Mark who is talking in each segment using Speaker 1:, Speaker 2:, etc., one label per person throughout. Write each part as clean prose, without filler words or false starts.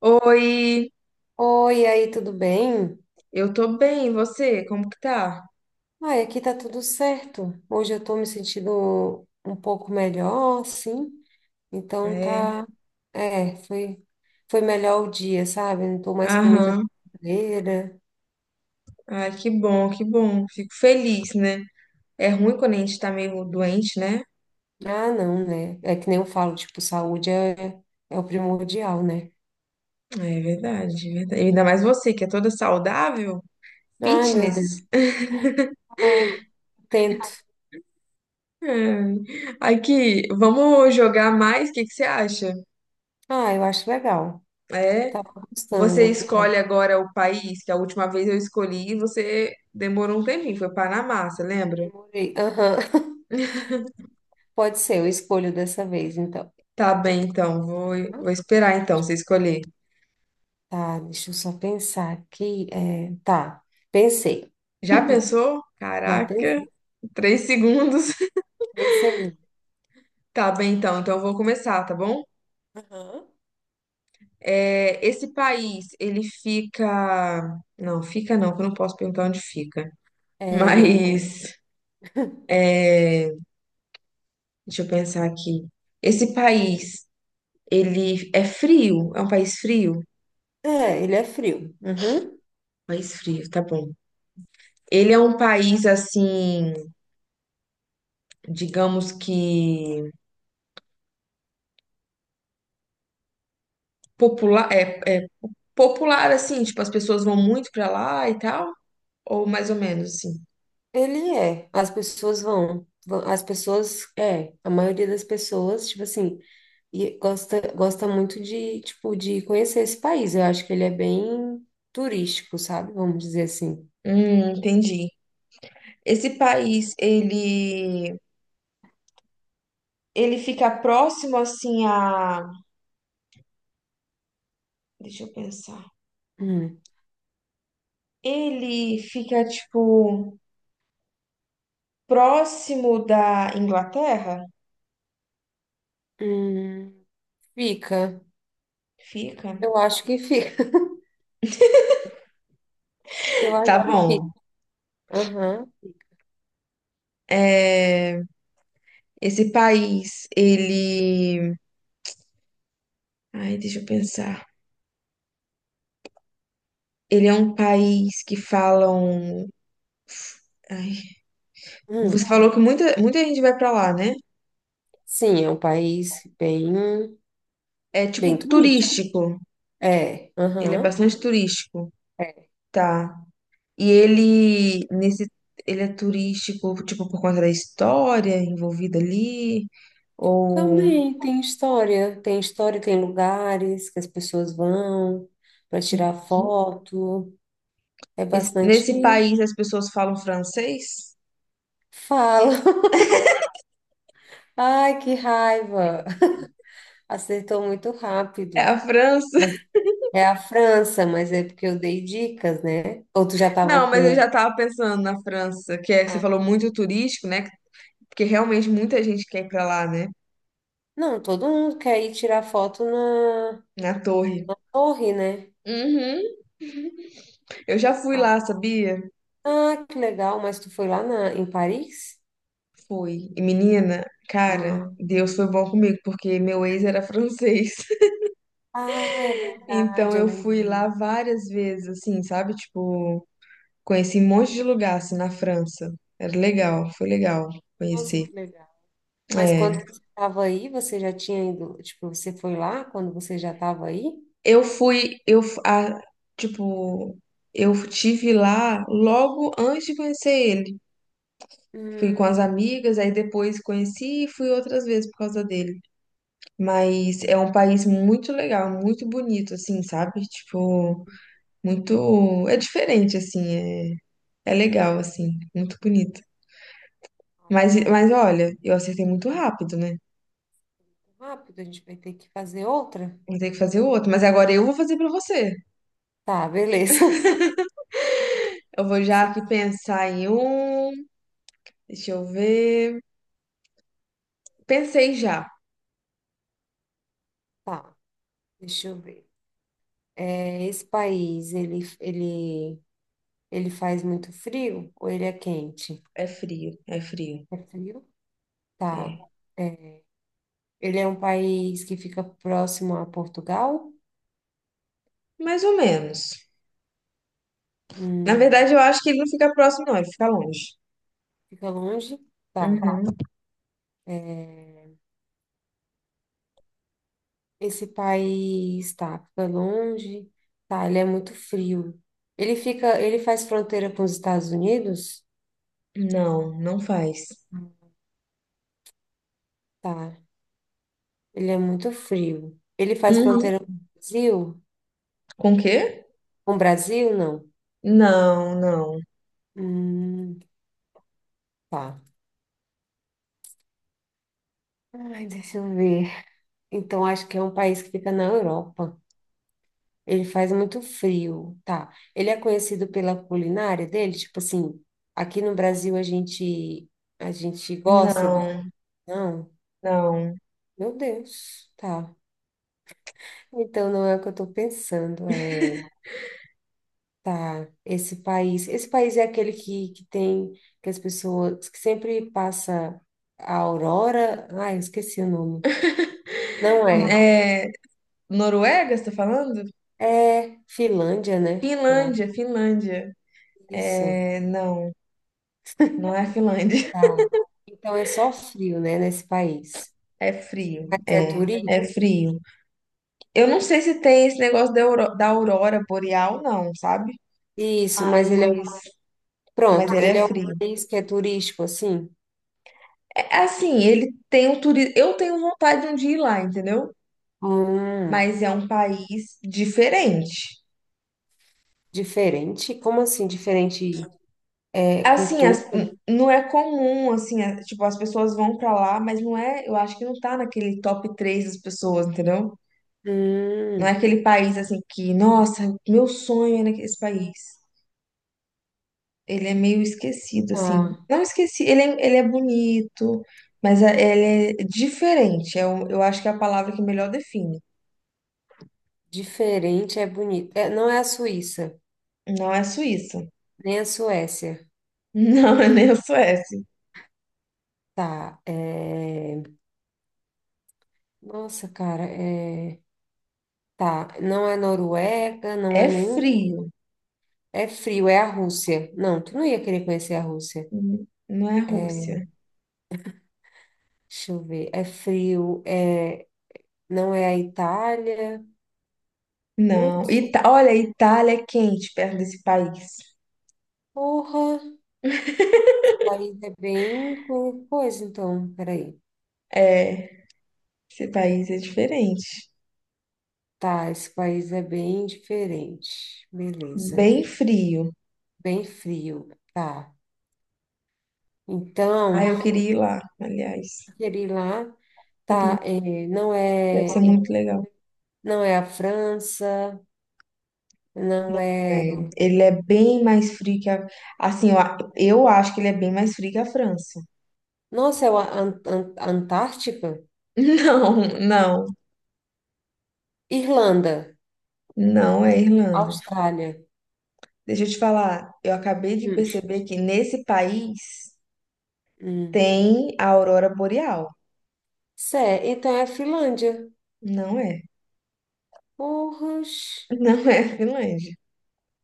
Speaker 1: Oi,
Speaker 2: Oi, e aí, tudo bem?
Speaker 1: eu tô bem, e você? Como que tá?
Speaker 2: Ai, aqui tá tudo certo. Hoje eu tô me sentindo um pouco melhor, sim.
Speaker 1: Ah,
Speaker 2: Então
Speaker 1: É,
Speaker 2: tá, é, foi melhor o dia, sabe? Não tô mais com muita fome.
Speaker 1: aham. Ai, que bom, que bom. Fico feliz, né? É ruim quando a gente tá meio doente, né?
Speaker 2: Ah, não, né? É que nem eu falo, tipo, saúde é, é o primordial, né?
Speaker 1: É verdade, é verdade. E ainda mais você, que é toda saudável,
Speaker 2: Ai, meu
Speaker 1: fitness.
Speaker 2: Deus. Ai, tento.
Speaker 1: Ai, aqui, vamos jogar mais? O que que você acha?
Speaker 2: Ah, eu acho legal.
Speaker 1: É,
Speaker 2: Tava gostando
Speaker 1: você
Speaker 2: aqui. É.
Speaker 1: escolhe agora o país, que a última vez eu escolhi e você demorou um tempinho, foi Panamá, você lembra?
Speaker 2: Demorei. Aham. Pode ser, eu escolho dessa vez, então.
Speaker 1: Tá bem, então, vou esperar então você escolher.
Speaker 2: Tá, deixa eu só pensar aqui. É, tá, pensei.
Speaker 1: Já pensou?
Speaker 2: Já
Speaker 1: Caraca,
Speaker 2: pensei.
Speaker 1: três segundos.
Speaker 2: Três segundos.
Speaker 1: Tá bem, então. Então eu vou começar, tá bom?
Speaker 2: Aham.
Speaker 1: É, esse país, ele fica. Não, fica não, que eu não posso perguntar onde fica.
Speaker 2: É, não pode.
Speaker 1: Mas, deixa eu pensar aqui. Esse país, ele é frio? É um país frio?
Speaker 2: É, ele é frio. Uhum.
Speaker 1: País frio, tá bom. Ele é um país, assim, digamos que popular, é popular, assim, tipo, as pessoas vão muito pra lá e tal? Ou mais ou menos, assim?
Speaker 2: Ele é. As pessoas, é. A maioria das pessoas, tipo assim, e gosta muito de, tipo, de conhecer esse país. Eu acho que ele é bem turístico, sabe? Vamos dizer assim.
Speaker 1: Entendi. Esse país, ele fica próximo assim a, deixa eu pensar.
Speaker 2: Hum.
Speaker 1: Ele fica tipo próximo da Inglaterra?
Speaker 2: Hum, fica.
Speaker 1: Fica.
Speaker 2: Eu acho que fica. Eu acho
Speaker 1: Tá
Speaker 2: que fica.
Speaker 1: bom.
Speaker 2: Aham.
Speaker 1: É, esse país, ele, ai, deixa eu pensar. Ele é um país que falam, ai, você
Speaker 2: Hum.
Speaker 1: falou que muita gente vai pra lá, né?
Speaker 2: Sim, é um país bem,
Speaker 1: É tipo
Speaker 2: bem turístico.
Speaker 1: turístico.
Speaker 2: É,
Speaker 1: Ele é
Speaker 2: aham.
Speaker 1: bastante turístico.
Speaker 2: É.
Speaker 1: Tá. E ele, nesse, ele é turístico, tipo, por conta da história envolvida ali, ou...
Speaker 2: Também tem história, tem história, tem lugares que as pessoas vão para tirar foto. É bastante
Speaker 1: Nesse país as pessoas falam francês?
Speaker 2: fala. Ai, que raiva! Acertou muito
Speaker 1: É
Speaker 2: rápido.
Speaker 1: a França?
Speaker 2: Mas é a França, mas é porque eu dei dicas, né? Ou tu já
Speaker 1: Não,
Speaker 2: tava
Speaker 1: mas eu já
Speaker 2: com.
Speaker 1: tava pensando na França, que é, você
Speaker 2: Ah,
Speaker 1: falou muito turístico, né? Porque realmente muita gente quer ir pra lá, né?
Speaker 2: não, todo mundo quer ir tirar foto na
Speaker 1: Na torre.
Speaker 2: torre, né?
Speaker 1: Uhum. Eu já fui lá, sabia?
Speaker 2: Ah, que legal, mas tu foi lá na, em Paris?
Speaker 1: Fui. E menina, cara,
Speaker 2: Ah,
Speaker 1: Deus foi bom comigo, porque meu ex era francês.
Speaker 2: ah, é
Speaker 1: Então
Speaker 2: verdade, eu
Speaker 1: eu fui lá
Speaker 2: lembrei.
Speaker 1: várias vezes, assim, sabe? Tipo, conheci um monte de lugar, assim, na França. Era legal, foi legal
Speaker 2: Nossa,
Speaker 1: conhecer.
Speaker 2: que legal. Mas
Speaker 1: É.
Speaker 2: quando você estava aí, você já tinha ido, tipo, você foi lá quando você já estava aí?
Speaker 1: Eu fui, eu, f- a, tipo, Eu tive lá logo antes de conhecer ele. Fui com as
Speaker 2: Hum,
Speaker 1: amigas, aí depois conheci e fui outras vezes por causa dele. Mas é um país muito legal, muito bonito, assim, sabe? Tipo, muito. É diferente, assim, é legal, assim, muito bonito. Mas, olha, eu acertei muito rápido, né?
Speaker 2: rápido, a gente vai ter que fazer outra?
Speaker 1: Vou ter que fazer o outro. Mas agora eu vou fazer pra você.
Speaker 2: Tá, beleza.
Speaker 1: Eu vou já aqui
Speaker 2: Certo,
Speaker 1: pensar em um. Deixa eu ver. Pensei já.
Speaker 2: tá, deixa eu ver. É, esse país, ele faz muito frio ou ele é quente?
Speaker 1: É frio.
Speaker 2: É frio? Tá.
Speaker 1: É.
Speaker 2: É, ele é um país que fica próximo a Portugal?
Speaker 1: Mais ou menos. Na verdade,
Speaker 2: Hum,
Speaker 1: eu acho que ele não fica próximo, não. Ele fica longe.
Speaker 2: fica longe? Tá.
Speaker 1: Uhum.
Speaker 2: Esse país tá fica longe, tá, ele é muito frio. Ele fica, ele faz fronteira com os Estados Unidos?
Speaker 1: Não, não faz.
Speaker 2: Tá, ele é muito frio. Ele faz
Speaker 1: Uhum.
Speaker 2: fronteira com o Brasil?
Speaker 1: Com o quê?
Speaker 2: Com o Brasil, não.
Speaker 1: Não, não.
Speaker 2: Hum, tá. Ai, deixa eu ver. Então, acho que é um país que fica na Europa. Ele faz muito frio, tá? Ele é conhecido pela culinária dele, tipo assim, aqui no Brasil a gente gosta de...
Speaker 1: Não,
Speaker 2: Não,
Speaker 1: não.
Speaker 2: meu Deus, tá. Então, não é o que eu estou pensando, é, tá, esse país é aquele que tem, que as pessoas, que sempre passa a aurora, ai, eu esqueci o nome, não é,
Speaker 1: É. Noruega, você tá falando?
Speaker 2: é Finlândia, né? Eu
Speaker 1: Finlândia, Finlândia.
Speaker 2: isso,
Speaker 1: É. Não, não é a Finlândia.
Speaker 2: tá, então é só frio, né, nesse país, mas é turístico?
Speaker 1: É frio. Eu não sei se tem esse negócio da da aurora boreal, não, sabe?
Speaker 2: Isso, mas
Speaker 1: Mas,
Speaker 2: ele é, pronto,
Speaker 1: ele é
Speaker 2: ele é um
Speaker 1: frio.
Speaker 2: país que é turístico, assim,
Speaker 1: É assim, ele tem o turismo. Eu tenho vontade de um dia ir lá, entendeu?
Speaker 2: hum,
Speaker 1: Mas é um país diferente.
Speaker 2: diferente, como assim, diferente, é,
Speaker 1: Assim,
Speaker 2: cultura?
Speaker 1: não é comum, assim, tipo, as pessoas vão pra lá, mas não é. Eu acho que não tá naquele top 3 das pessoas, entendeu? Não é
Speaker 2: Hum,
Speaker 1: aquele país assim que, nossa, meu sonho é nesse país. Ele é meio esquecido, assim.
Speaker 2: ah.
Speaker 1: Não esqueci, ele é bonito, mas ele é diferente. Eu acho que é a palavra que melhor define.
Speaker 2: Diferente é bonito. É, não é a Suíça,
Speaker 1: Não é Suíça.
Speaker 2: nem a Suécia.
Speaker 1: Não é nem a Suécia.
Speaker 2: Tá. É, nossa, cara. É, tá. Não é Noruega, não
Speaker 1: É
Speaker 2: é nenhum.
Speaker 1: frio.
Speaker 2: É frio, é a Rússia. Não, tu não ia querer conhecer a Rússia.
Speaker 1: Não é Rússia.
Speaker 2: Deixa eu ver. É frio, é... não é a Itália.
Speaker 1: Não.
Speaker 2: Putz,
Speaker 1: Ita Olha, a Itália é quente perto desse país.
Speaker 2: porra. Nossa, esse país é bem. Coisa, então, peraí.
Speaker 1: É, esse país é diferente.
Speaker 2: Tá, esse país é bem diferente. Beleza.
Speaker 1: Bem frio.
Speaker 2: Bem frio. Tá.
Speaker 1: Ah,
Speaker 2: Então.
Speaker 1: eu queria ir lá, aliás.
Speaker 2: Algeri lá
Speaker 1: Queria.
Speaker 2: tá, não
Speaker 1: Deve ser
Speaker 2: é,
Speaker 1: muito legal.
Speaker 2: não é a França, não
Speaker 1: É,
Speaker 2: é.
Speaker 1: ele é bem mais frio que a. Assim, eu acho que ele é bem mais frio que a França.
Speaker 2: Nossa, é a Antártica?
Speaker 1: Não, não,
Speaker 2: Irlanda,
Speaker 1: não é Irlanda.
Speaker 2: Austrália.
Speaker 1: Deixa eu te falar, eu acabei de
Speaker 2: Hum,
Speaker 1: perceber que nesse país
Speaker 2: hum.
Speaker 1: tem a aurora boreal.
Speaker 2: Cé, então é a Finlândia.
Speaker 1: Não é,
Speaker 2: Porras.
Speaker 1: não é a Finlândia.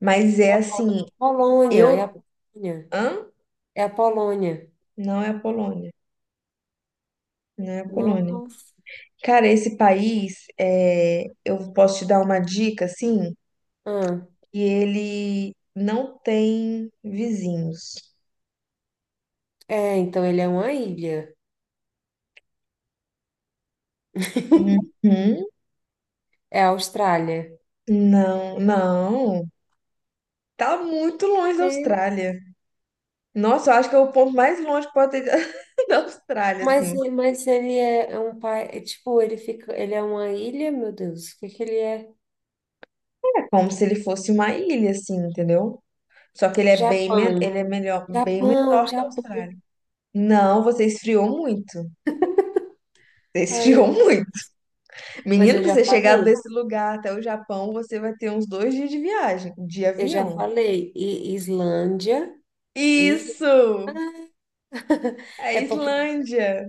Speaker 1: Mas é assim,
Speaker 2: Polônia, é a
Speaker 1: eu.
Speaker 2: Polônia.
Speaker 1: Hã?
Speaker 2: É a Polônia.
Speaker 1: Não é a Polônia. Não é a Polônia.
Speaker 2: Nossa.
Speaker 1: Cara, esse país, é, eu posso te dar uma dica, assim,
Speaker 2: Ah,
Speaker 1: que ele não tem vizinhos.
Speaker 2: é, então ele é uma ilha.
Speaker 1: Uhum.
Speaker 2: É a Austrália.
Speaker 1: Não, não. Tá muito longe da Austrália. Nossa, eu acho que é o ponto mais longe que pode ter da Austrália, assim.
Speaker 2: Mas ele é é um pai, é tipo, ele fica, ele é uma ilha, meu Deus, o que que ele é?
Speaker 1: É como se ele fosse uma ilha, assim, entendeu? Só que ele é bem,
Speaker 2: Japão,
Speaker 1: ele é melhor, bem
Speaker 2: Japão,
Speaker 1: menor que a
Speaker 2: Japão.
Speaker 1: Austrália. Não, você esfriou muito. Você
Speaker 2: Ai, eu-
Speaker 1: esfriou muito.
Speaker 2: mas
Speaker 1: Menino, pra você chegar desse lugar até o Japão, você vai ter uns dois dias de viagem, de
Speaker 2: eu já
Speaker 1: avião.
Speaker 2: falei, e Islândia e
Speaker 1: Isso! É a
Speaker 2: é porque
Speaker 1: Islândia.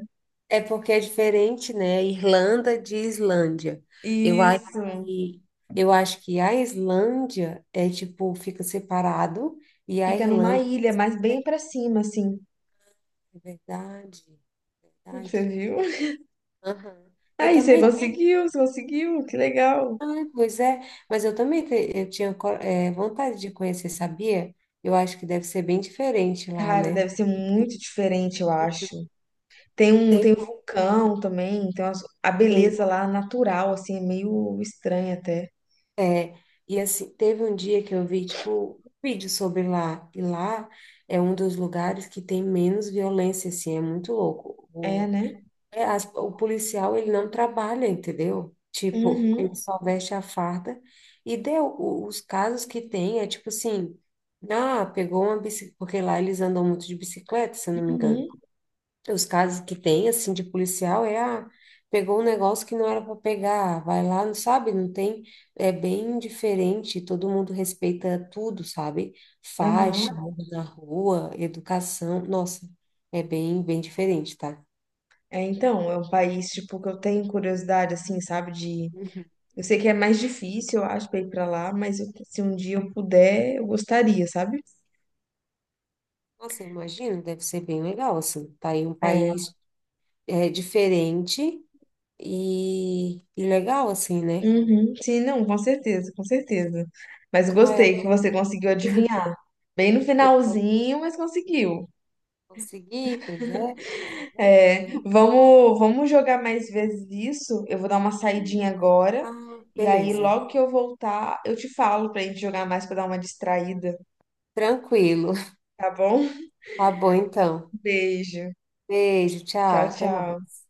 Speaker 2: é porque é diferente, né? Irlanda de Islândia. Eu acho
Speaker 1: Isso.
Speaker 2: que eu acho que a Islândia é tipo fica separado e a
Speaker 1: Fica numa
Speaker 2: Irlanda
Speaker 1: ilha, mas
Speaker 2: é
Speaker 1: bem pra cima, assim.
Speaker 2: verdade.
Speaker 1: Você
Speaker 2: Verdade.
Speaker 1: viu?
Speaker 2: Aham. Eu
Speaker 1: Aí
Speaker 2: também
Speaker 1: você conseguiu, que legal.
Speaker 2: ah, pois é, mas eu também eu tinha vontade de conhecer, sabia? Eu acho que deve ser bem diferente lá,
Speaker 1: Cara,
Speaker 2: né?
Speaker 1: deve ser muito diferente, eu acho. Tem
Speaker 2: Tem,
Speaker 1: um vulcão também, tem a
Speaker 2: tem.
Speaker 1: beleza lá natural, assim, é meio estranha até.
Speaker 2: E assim, teve um dia que eu vi, tipo, um vídeo sobre lá, e lá é um dos lugares que tem menos violência, assim, é muito louco.
Speaker 1: É, né?
Speaker 2: É, o policial, ele não trabalha, entendeu? Tipo, ele
Speaker 1: Uhum,
Speaker 2: só veste a farda e os casos que tem, é tipo assim, ah, pegou uma bicicleta, porque lá eles andam muito de bicicleta, se eu não me engano.
Speaker 1: uhum,
Speaker 2: Os casos que tem, assim, de policial é, ah, pegou um negócio que não era para pegar, vai lá, não sabe, não tem, é bem diferente, todo mundo respeita tudo, sabe? Faixa,
Speaker 1: aham.
Speaker 2: anda na rua, educação, nossa, é bem, bem diferente, tá?
Speaker 1: É, então, é um país, tipo, que eu tenho curiosidade, assim, sabe, de... Eu sei que é mais difícil, eu acho, pra ir pra lá, se um dia eu puder, eu gostaria, sabe?
Speaker 2: Nossa, eu imagino, deve ser bem legal, assim. Tá aí um
Speaker 1: É.
Speaker 2: país é, diferente e legal, assim, né?
Speaker 1: Uhum. Sim, não, com certeza, com certeza. Mas
Speaker 2: Ah,
Speaker 1: gostei que você conseguiu adivinhar. Bem no
Speaker 2: eu vou
Speaker 1: finalzinho, mas conseguiu.
Speaker 2: conseguir, pois é, você vai.
Speaker 1: É, vamos jogar mais vezes isso. Eu vou dar uma saidinha
Speaker 2: Hum.
Speaker 1: agora.
Speaker 2: Ah,
Speaker 1: E aí,
Speaker 2: beleza.
Speaker 1: logo que eu voltar, eu te falo pra gente jogar mais pra dar uma distraída,
Speaker 2: Tranquilo.
Speaker 1: tá bom?
Speaker 2: Tá bom, então.
Speaker 1: Beijo.
Speaker 2: Beijo,
Speaker 1: Tchau,
Speaker 2: tchau, até
Speaker 1: tchau.
Speaker 2: mais.